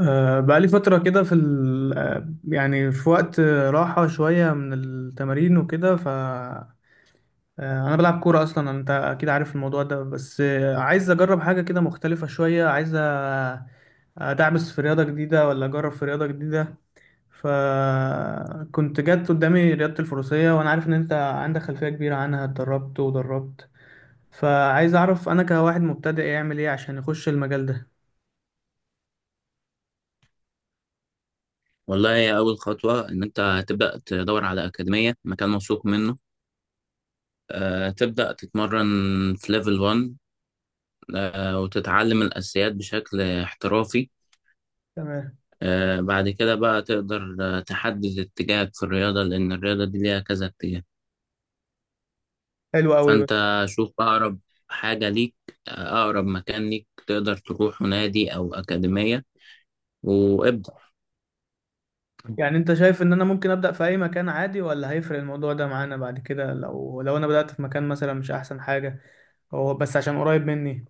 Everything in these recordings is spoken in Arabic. بقالي فترة كده في ال... آه، يعني في وقت راحة شوية من التمارين وكده ف آه، أنا بلعب كورة أصلا أنت أكيد عارف الموضوع ده بس عايز أجرب حاجة كده مختلفة شوية عايز أدعبس في رياضة جديدة ولا أجرب في رياضة جديدة. فكنت جت قدامي رياضة الفروسية وأنا عارف إن أنت عندك خلفية كبيرة عنها، اتدربت ودربت، فعايز أعرف أنا كواحد مبتدئ يعمل إيه عشان يخش المجال ده. والله، هي أول خطوة إن أنت تبدأ تدور على أكاديمية مكان موثوق منه. تبدأ تتمرن في ليفل 1. وتتعلم الأساسيات بشكل احترافي. تمام. بعد كده بقى تقدر تحدد اتجاهك في الرياضة، لأن الرياضة دي ليها كذا اتجاه. حلو أوي. فأنت شوف أقرب حاجة ليك، أقرب مكان ليك تقدر تروح نادي أو أكاديمية، وابدأ. يعني انت شايف ان انا ممكن ابدا في اي مكان عادي ولا هيفرق الموضوع ده معانا بعد كده، لو انا بدات في مكان مثلا مش احسن حاجه، هو بس عشان قريب مني؟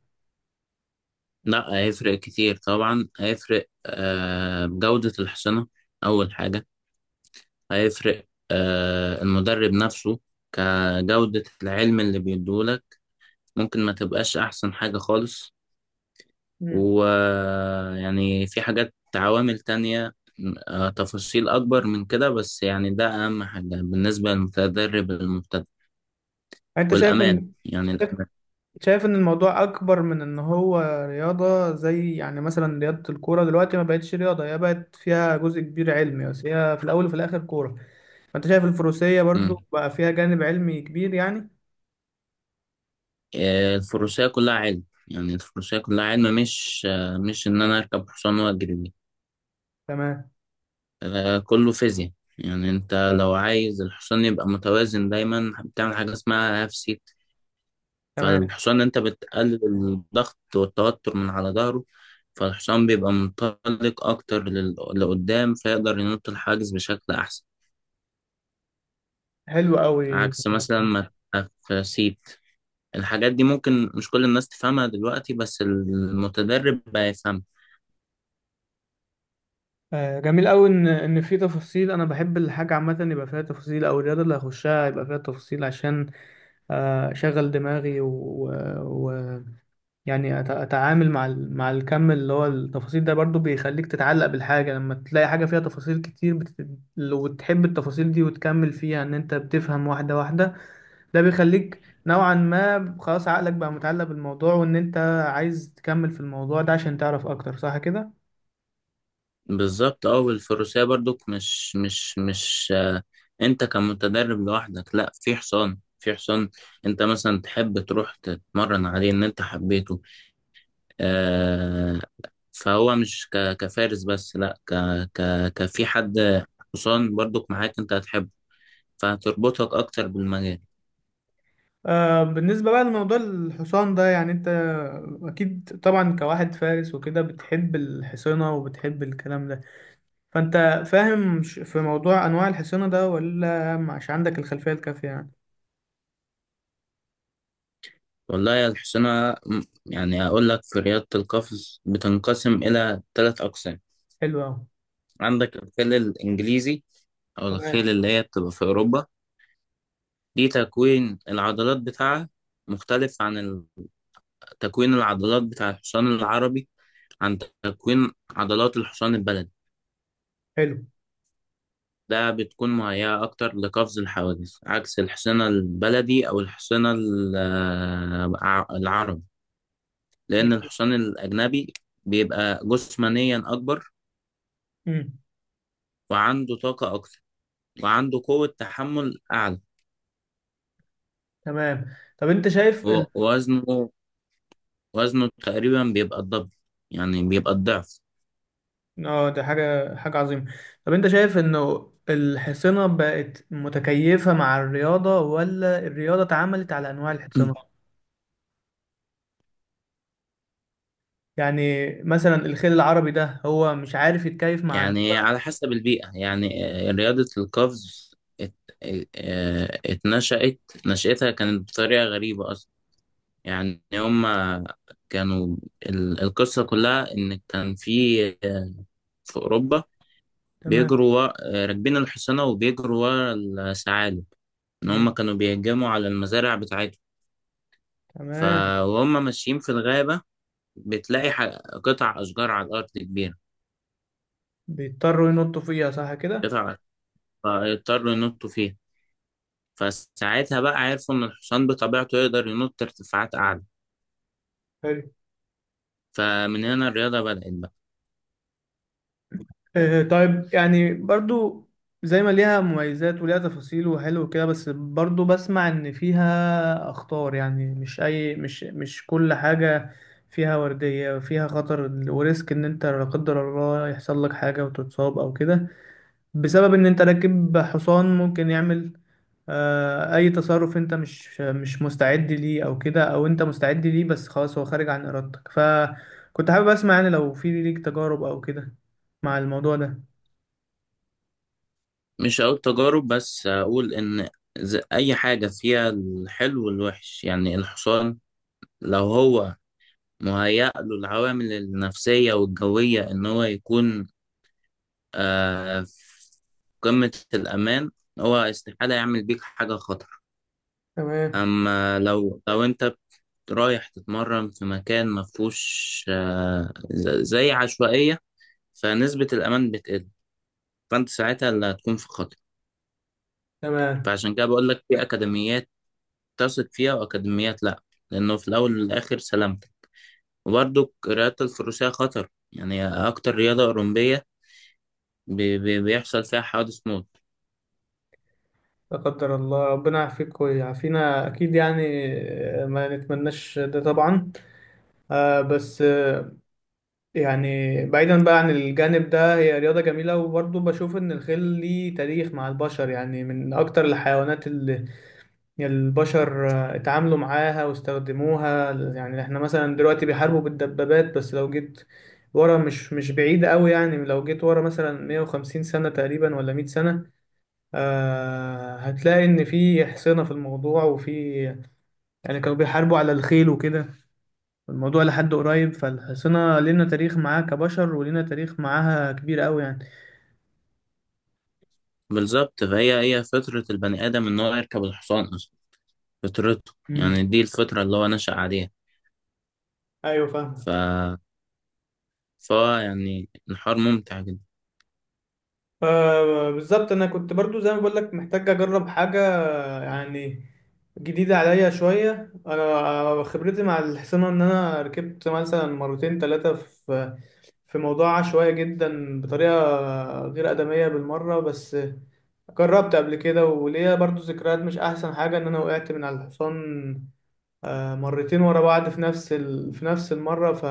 لا، هيفرق كتير طبعا، هيفرق بجودة الحصانة أول حاجة. هيفرق المدرب نفسه، كجودة العلم اللي بيديهولك، ممكن ما تبقاش أحسن حاجة خالص. امم. ويعني في حاجات عوامل تانية، تفاصيل أكبر من كده، بس يعني ده أهم حاجة بالنسبة للمتدرب المبتدئ، انت شايف والأمان، ان يعني شايف الأمان. شايف ان الموضوع اكبر من ان هو رياضه، زي يعني مثلا رياضه الكوره دلوقتي ما بقتش رياضه، هي بقت فيها جزء كبير علمي، بس هي في الاول وفي الاخر كوره. فانت شايف الفروسيه مم. برضو بقى فيها جانب علمي كبير يعني؟ الفروسية كلها علم، يعني الفروسية كلها علم، مش إن أنا أركب حصان وأجري بيه. تمام. كله فيزياء. يعني انت لو عايز الحصان يبقى متوازن دايما، بتعمل حاجة اسمها هاف سيت. تمام. فالحصان، انت بتقلل الضغط والتوتر من على ظهره، فالحصان بيبقى منطلق اكتر لقدام، فيقدر ينط الحاجز بشكل احسن، حلو قوي. عكس مثلا ما تبقى في سيت. الحاجات دي ممكن مش كل الناس تفهمها دلوقتي، بس المتدرب هيفهمها. آه، جميل قوي ان في تفاصيل. انا بحب الحاجه عامه يبقى فيها تفاصيل، او الرياضه اللي هخشها يبقى فيها تفاصيل، عشان اشغل دماغي، ويعني يعني اتعامل مع مع الكم اللي هو التفاصيل ده. برضو بيخليك تتعلق بالحاجه، لما تلاقي حاجه فيها تفاصيل كتير لو تحب التفاصيل دي وتكمل فيها، ان انت بتفهم واحده واحده، ده بيخليك نوعا ما خلاص عقلك بقى متعلق بالموضوع، وان انت عايز تكمل في الموضوع ده عشان تعرف اكتر، صح كده؟ بالظبط، اه، والفروسية برضك مش انت كمتدرب لوحدك، لا، في حصان، في حصان انت مثلا تحب تروح تتمرن عليه ان انت حبيته. آه، فهو مش كفارس بس، لا، ك ك كفي حد، حصان برضك معاك انت هتحبه، فهتربطك اكتر بالمجال. آه، بالنسبة بقى لموضوع الحصان ده، يعني انت اكيد طبعا كواحد فارس وكده بتحب الحصينة وبتحب الكلام ده، فانت فاهم في موضوع انواع الحصينة ده، ولا مش عندك الخلفية الكافية يعني؟ والله يا الحصانة، يعني اقول لك في رياضة القفز بتنقسم الى ثلاث اقسام. حلو اوي. عندك الخيل الانجليزي، او الخيل تمام. اللي هي بتبقى في اوروبا، دي تكوين العضلات بتاعها مختلف عن تكوين العضلات بتاع الحصان العربي، عن تكوين عضلات الحصان البلدي. حلو. ده بتكون مهيئة أكتر لقفز الحواجز، عكس الحصان البلدي أو الحصان العربي، لأن جميل. الحصان الأجنبي بيبقى جسمانيا أكبر، مم. وعنده طاقة أكتر، وعنده قوة تحمل أعلى، تمام، طب انت شايف و- ووزنه وزنه تقريبا بيبقى الضعف، يعني بيبقى الضعف. اه، ده حاجة عظيمة. طب انت شايف انه الحصينة بقت متكيفة مع الرياضة، ولا الرياضة اتعملت على انواع الحصينة؟ يعني مثلا الخيل العربي ده هو مش عارف يتكيف مع يعني على حسب البيئة. يعني رياضة القفز، ات... آه، اتنشأت، نشأتها كانت بطريقة غريبة أصلا. يعني هما كانوا، القصة كلها إن كان في أوروبا، تمام. بيجروا ورا... آه، راكبين الحصانة وبيجروا ورا الثعالب. إن مم. هما كانوا بيهجموا على المزارع بتاعتهم، تمام. فهم ماشيين في الغابة، بتلاقي قطع أشجار على الأرض كبيرة، بيضطروا ينطوا فيها، صح كده؟ قطع فيضطروا ينطوا فيها. فساعتها بقى عرفوا إن الحصان بطبيعته يقدر ينط ارتفاعات أعلى، حلو. فمن هنا الرياضة بدأت بقى. آه طيب، يعني برضو زي ما ليها مميزات وليها تفاصيل وحلو كده، بس برضو بسمع ان فيها اخطار. يعني مش اي مش كل حاجة فيها وردية، فيها خطر وريسك، ان انت لا قدر الله يحصل لك حاجة وتتصاب او كده، بسبب ان انت راكب حصان ممكن يعمل اي تصرف انت مش مستعد ليه او كده، او انت مستعد ليه بس خلاص هو خارج عن ارادتك. فكنت حابب اسمع يعني لو في ليك تجارب او كده مع الموضوع ده. مش هقول تجارب، بس أقول إن أي حاجة فيها الحلو والوحش. يعني الحصان، لو هو مهيأ له العوامل النفسية والجوية إن هو يكون في قمة الأمان، هو استحالة يعمل بيك حاجة خطر. تمام. أما لو أنت رايح تتمرن في مكان مفهوش زي عشوائية، فنسبة الأمان بتقل، فأنت ساعتها اللي هتكون في خطر. تمام. فعشان كده بقول لك في أكاديميات تثق فيها وأكاديميات لأ، لأنه في الأول والآخر سلامتك. وبرضه رياضة الفروسية خطر، يعني أكتر رياضة أولمبية بيحصل فيها حوادث موت. لا قدر الله، ربنا يعافيك ويعافينا اكيد يعني، آه، ما نتمناش ده طبعا. آه، بس آه، يعني بعيدا بقى عن الجانب ده، هي رياضة جميلة، وبرضه بشوف إن الخيل ليه تاريخ مع البشر، يعني من أكتر الحيوانات اللي البشر اتعاملوا معاها واستخدموها. يعني إحنا مثلا دلوقتي بيحاربوا بالدبابات، بس لو جيت ورا مش بعيد أوي، يعني لو جيت ورا مثلا 150 سنة تقريبا ولا 100 سنة، آه، هتلاقي إن في حصينة في الموضوع، وفي يعني كانوا بيحاربوا على الخيل وكده الموضوع لحد قريب. فالحصانة لنا تاريخ معاها كبشر، ولنا تاريخ معاها كبير قوي يعني. بالظبط، فهي هي فطرة البني آدم إن هو يركب الحصان أصلا، فطرته، امم. يعني دي الفطرة اللي هو نشأ عليها. ايوه، ف... فاهمك. فهو يعني الحوار ممتع جدا. آه بالظبط، انا كنت برضو زي ما بقول لك محتاج اجرب حاجه يعني جديده عليا شويه. انا خبرتي مع الحصانه ان انا ركبت مثلا مرتين ثلاثه في في موضوع عشوائي جدا، بطريقه غير ادميه بالمره، بس جربت قبل كده، وليا برضو ذكريات مش احسن حاجه، ان انا وقعت من على الحصان مرتين ورا بعض في نفس في نفس المرة.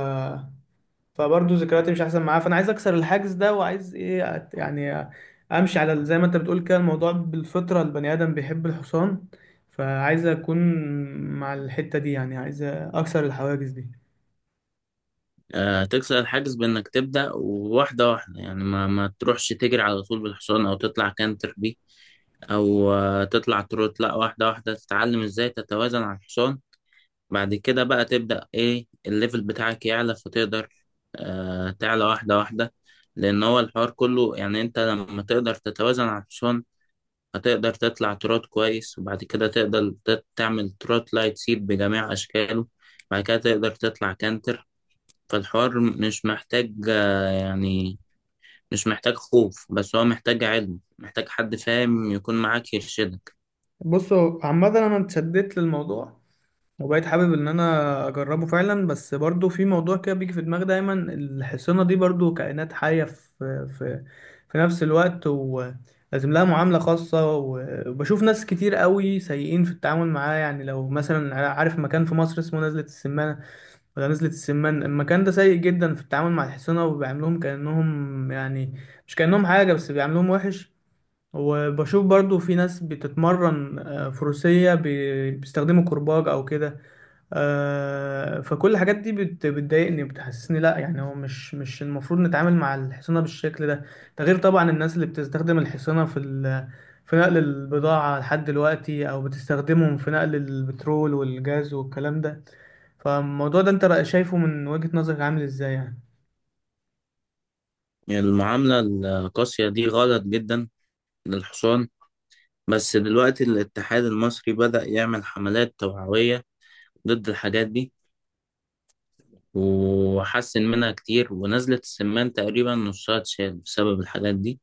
فبرضه ذكرياتي مش احسن معاه، فانا عايز اكسر الحاجز ده، وعايز ايه يعني امشي على زي ما انت بتقول كده، الموضوع بالفطرة، البني ادم بيحب الحصان، فعايز اكون مع الحتة دي، يعني عايز اكسر الحواجز دي. تكسر الحاجز بإنك تبدأ واحدة واحدة، يعني ما تروحش تجري على طول بالحصان، أو تطلع كانتر بيه، أو تطلع تروت، لأ، واحدة واحدة تتعلم إزاي تتوازن على الحصان. بعد كده بقى تبدأ إيه الليفل بتاعك يعلى، فتقدر تعلى واحدة واحدة. لأن هو الحوار كله، يعني أنت لما تقدر تتوازن على الحصان، هتقدر تطلع تروت كويس، وبعد كده تقدر تعمل تروت لايت سيب بجميع أشكاله، بعد كده تقدر تطلع كانتر. فالحوار مش محتاج يعني مش محتاج خوف، بس هو محتاج علم، محتاج حد فاهم يكون معاك يرشدك. بصوا، عامة انا اتشددت للموضوع، وبقيت حابب ان انا اجربه فعلا، بس برضو في موضوع كده بيجي في دماغي دايما، الحصانه دي برضو كائنات حيه في في نفس الوقت، ولازم لها معامله خاصه. وبشوف ناس كتير قوي سيئين في التعامل معاه، يعني لو مثلا عارف مكان في مصر اسمه نزلة السمانه ولا نزلة السمان، المكان ده سيء جدا في التعامل مع الحصانه، وبيعاملوهم كانهم يعني، مش كانهم حاجه، بس بيعاملوهم وحش. وبشوف برضو في ناس بتتمرن فروسيه بيستخدموا كرباج او كده. فكل الحاجات دي بتضايقني، بتحسسني لا، يعني هو مش المفروض نتعامل مع الحصانة بالشكل ده. ده غير طبعا الناس اللي بتستخدم الحصانة في في نقل البضاعة لحد دلوقتي، او بتستخدمهم في نقل البترول والجاز والكلام ده. فالموضوع ده انت بقى شايفه من وجهة نظرك عامل ازاي يعني؟ يعني المعاملة القاسية دي غلط جدا للحصان، بس دلوقتي الاتحاد المصري بدأ يعمل حملات توعوية ضد الحاجات دي، وحسن منها كتير، ونزلة السمان تقريبا نصها اتشال بسبب الحاجات دي،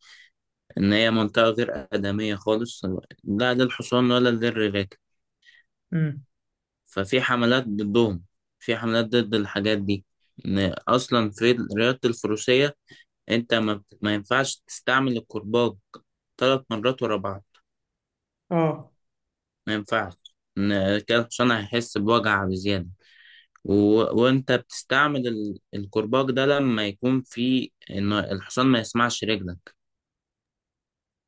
إن هي منطقة غير آدمية خالص، لا للحصان ولا للركاب. امم. ففي حملات ضدهم، في حملات ضد الحاجات دي، ان اصلا في رياضة الفروسية انت ما ينفعش تستعمل الكرباج 3 مرات ورا بعض، اه. ما ينفعش، ان كده الحصان هيحس بوجع بزيادة. و... وانت بتستعمل الكرباج ده لما يكون في ان الحصان ما يسمعش رجلك،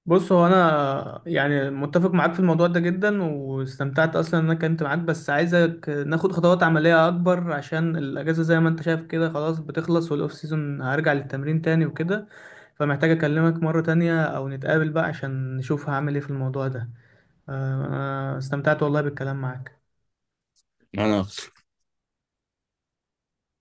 بص هو انا يعني متفق معاك في الموضوع ده جدا، واستمتعت اصلا ان انا كنت معاك، بس عايزك ناخد خطوات عمليه اكبر، عشان الاجازه زي ما انت شايف كده خلاص بتخلص، والاوف سيزون هرجع للتمرين تاني وكده. فمحتاج اكلمك مره تانية او نتقابل بقى، عشان نشوف هعمل ايه في الموضوع ده. آه، انا استمتعت والله بالكلام معاك. يعني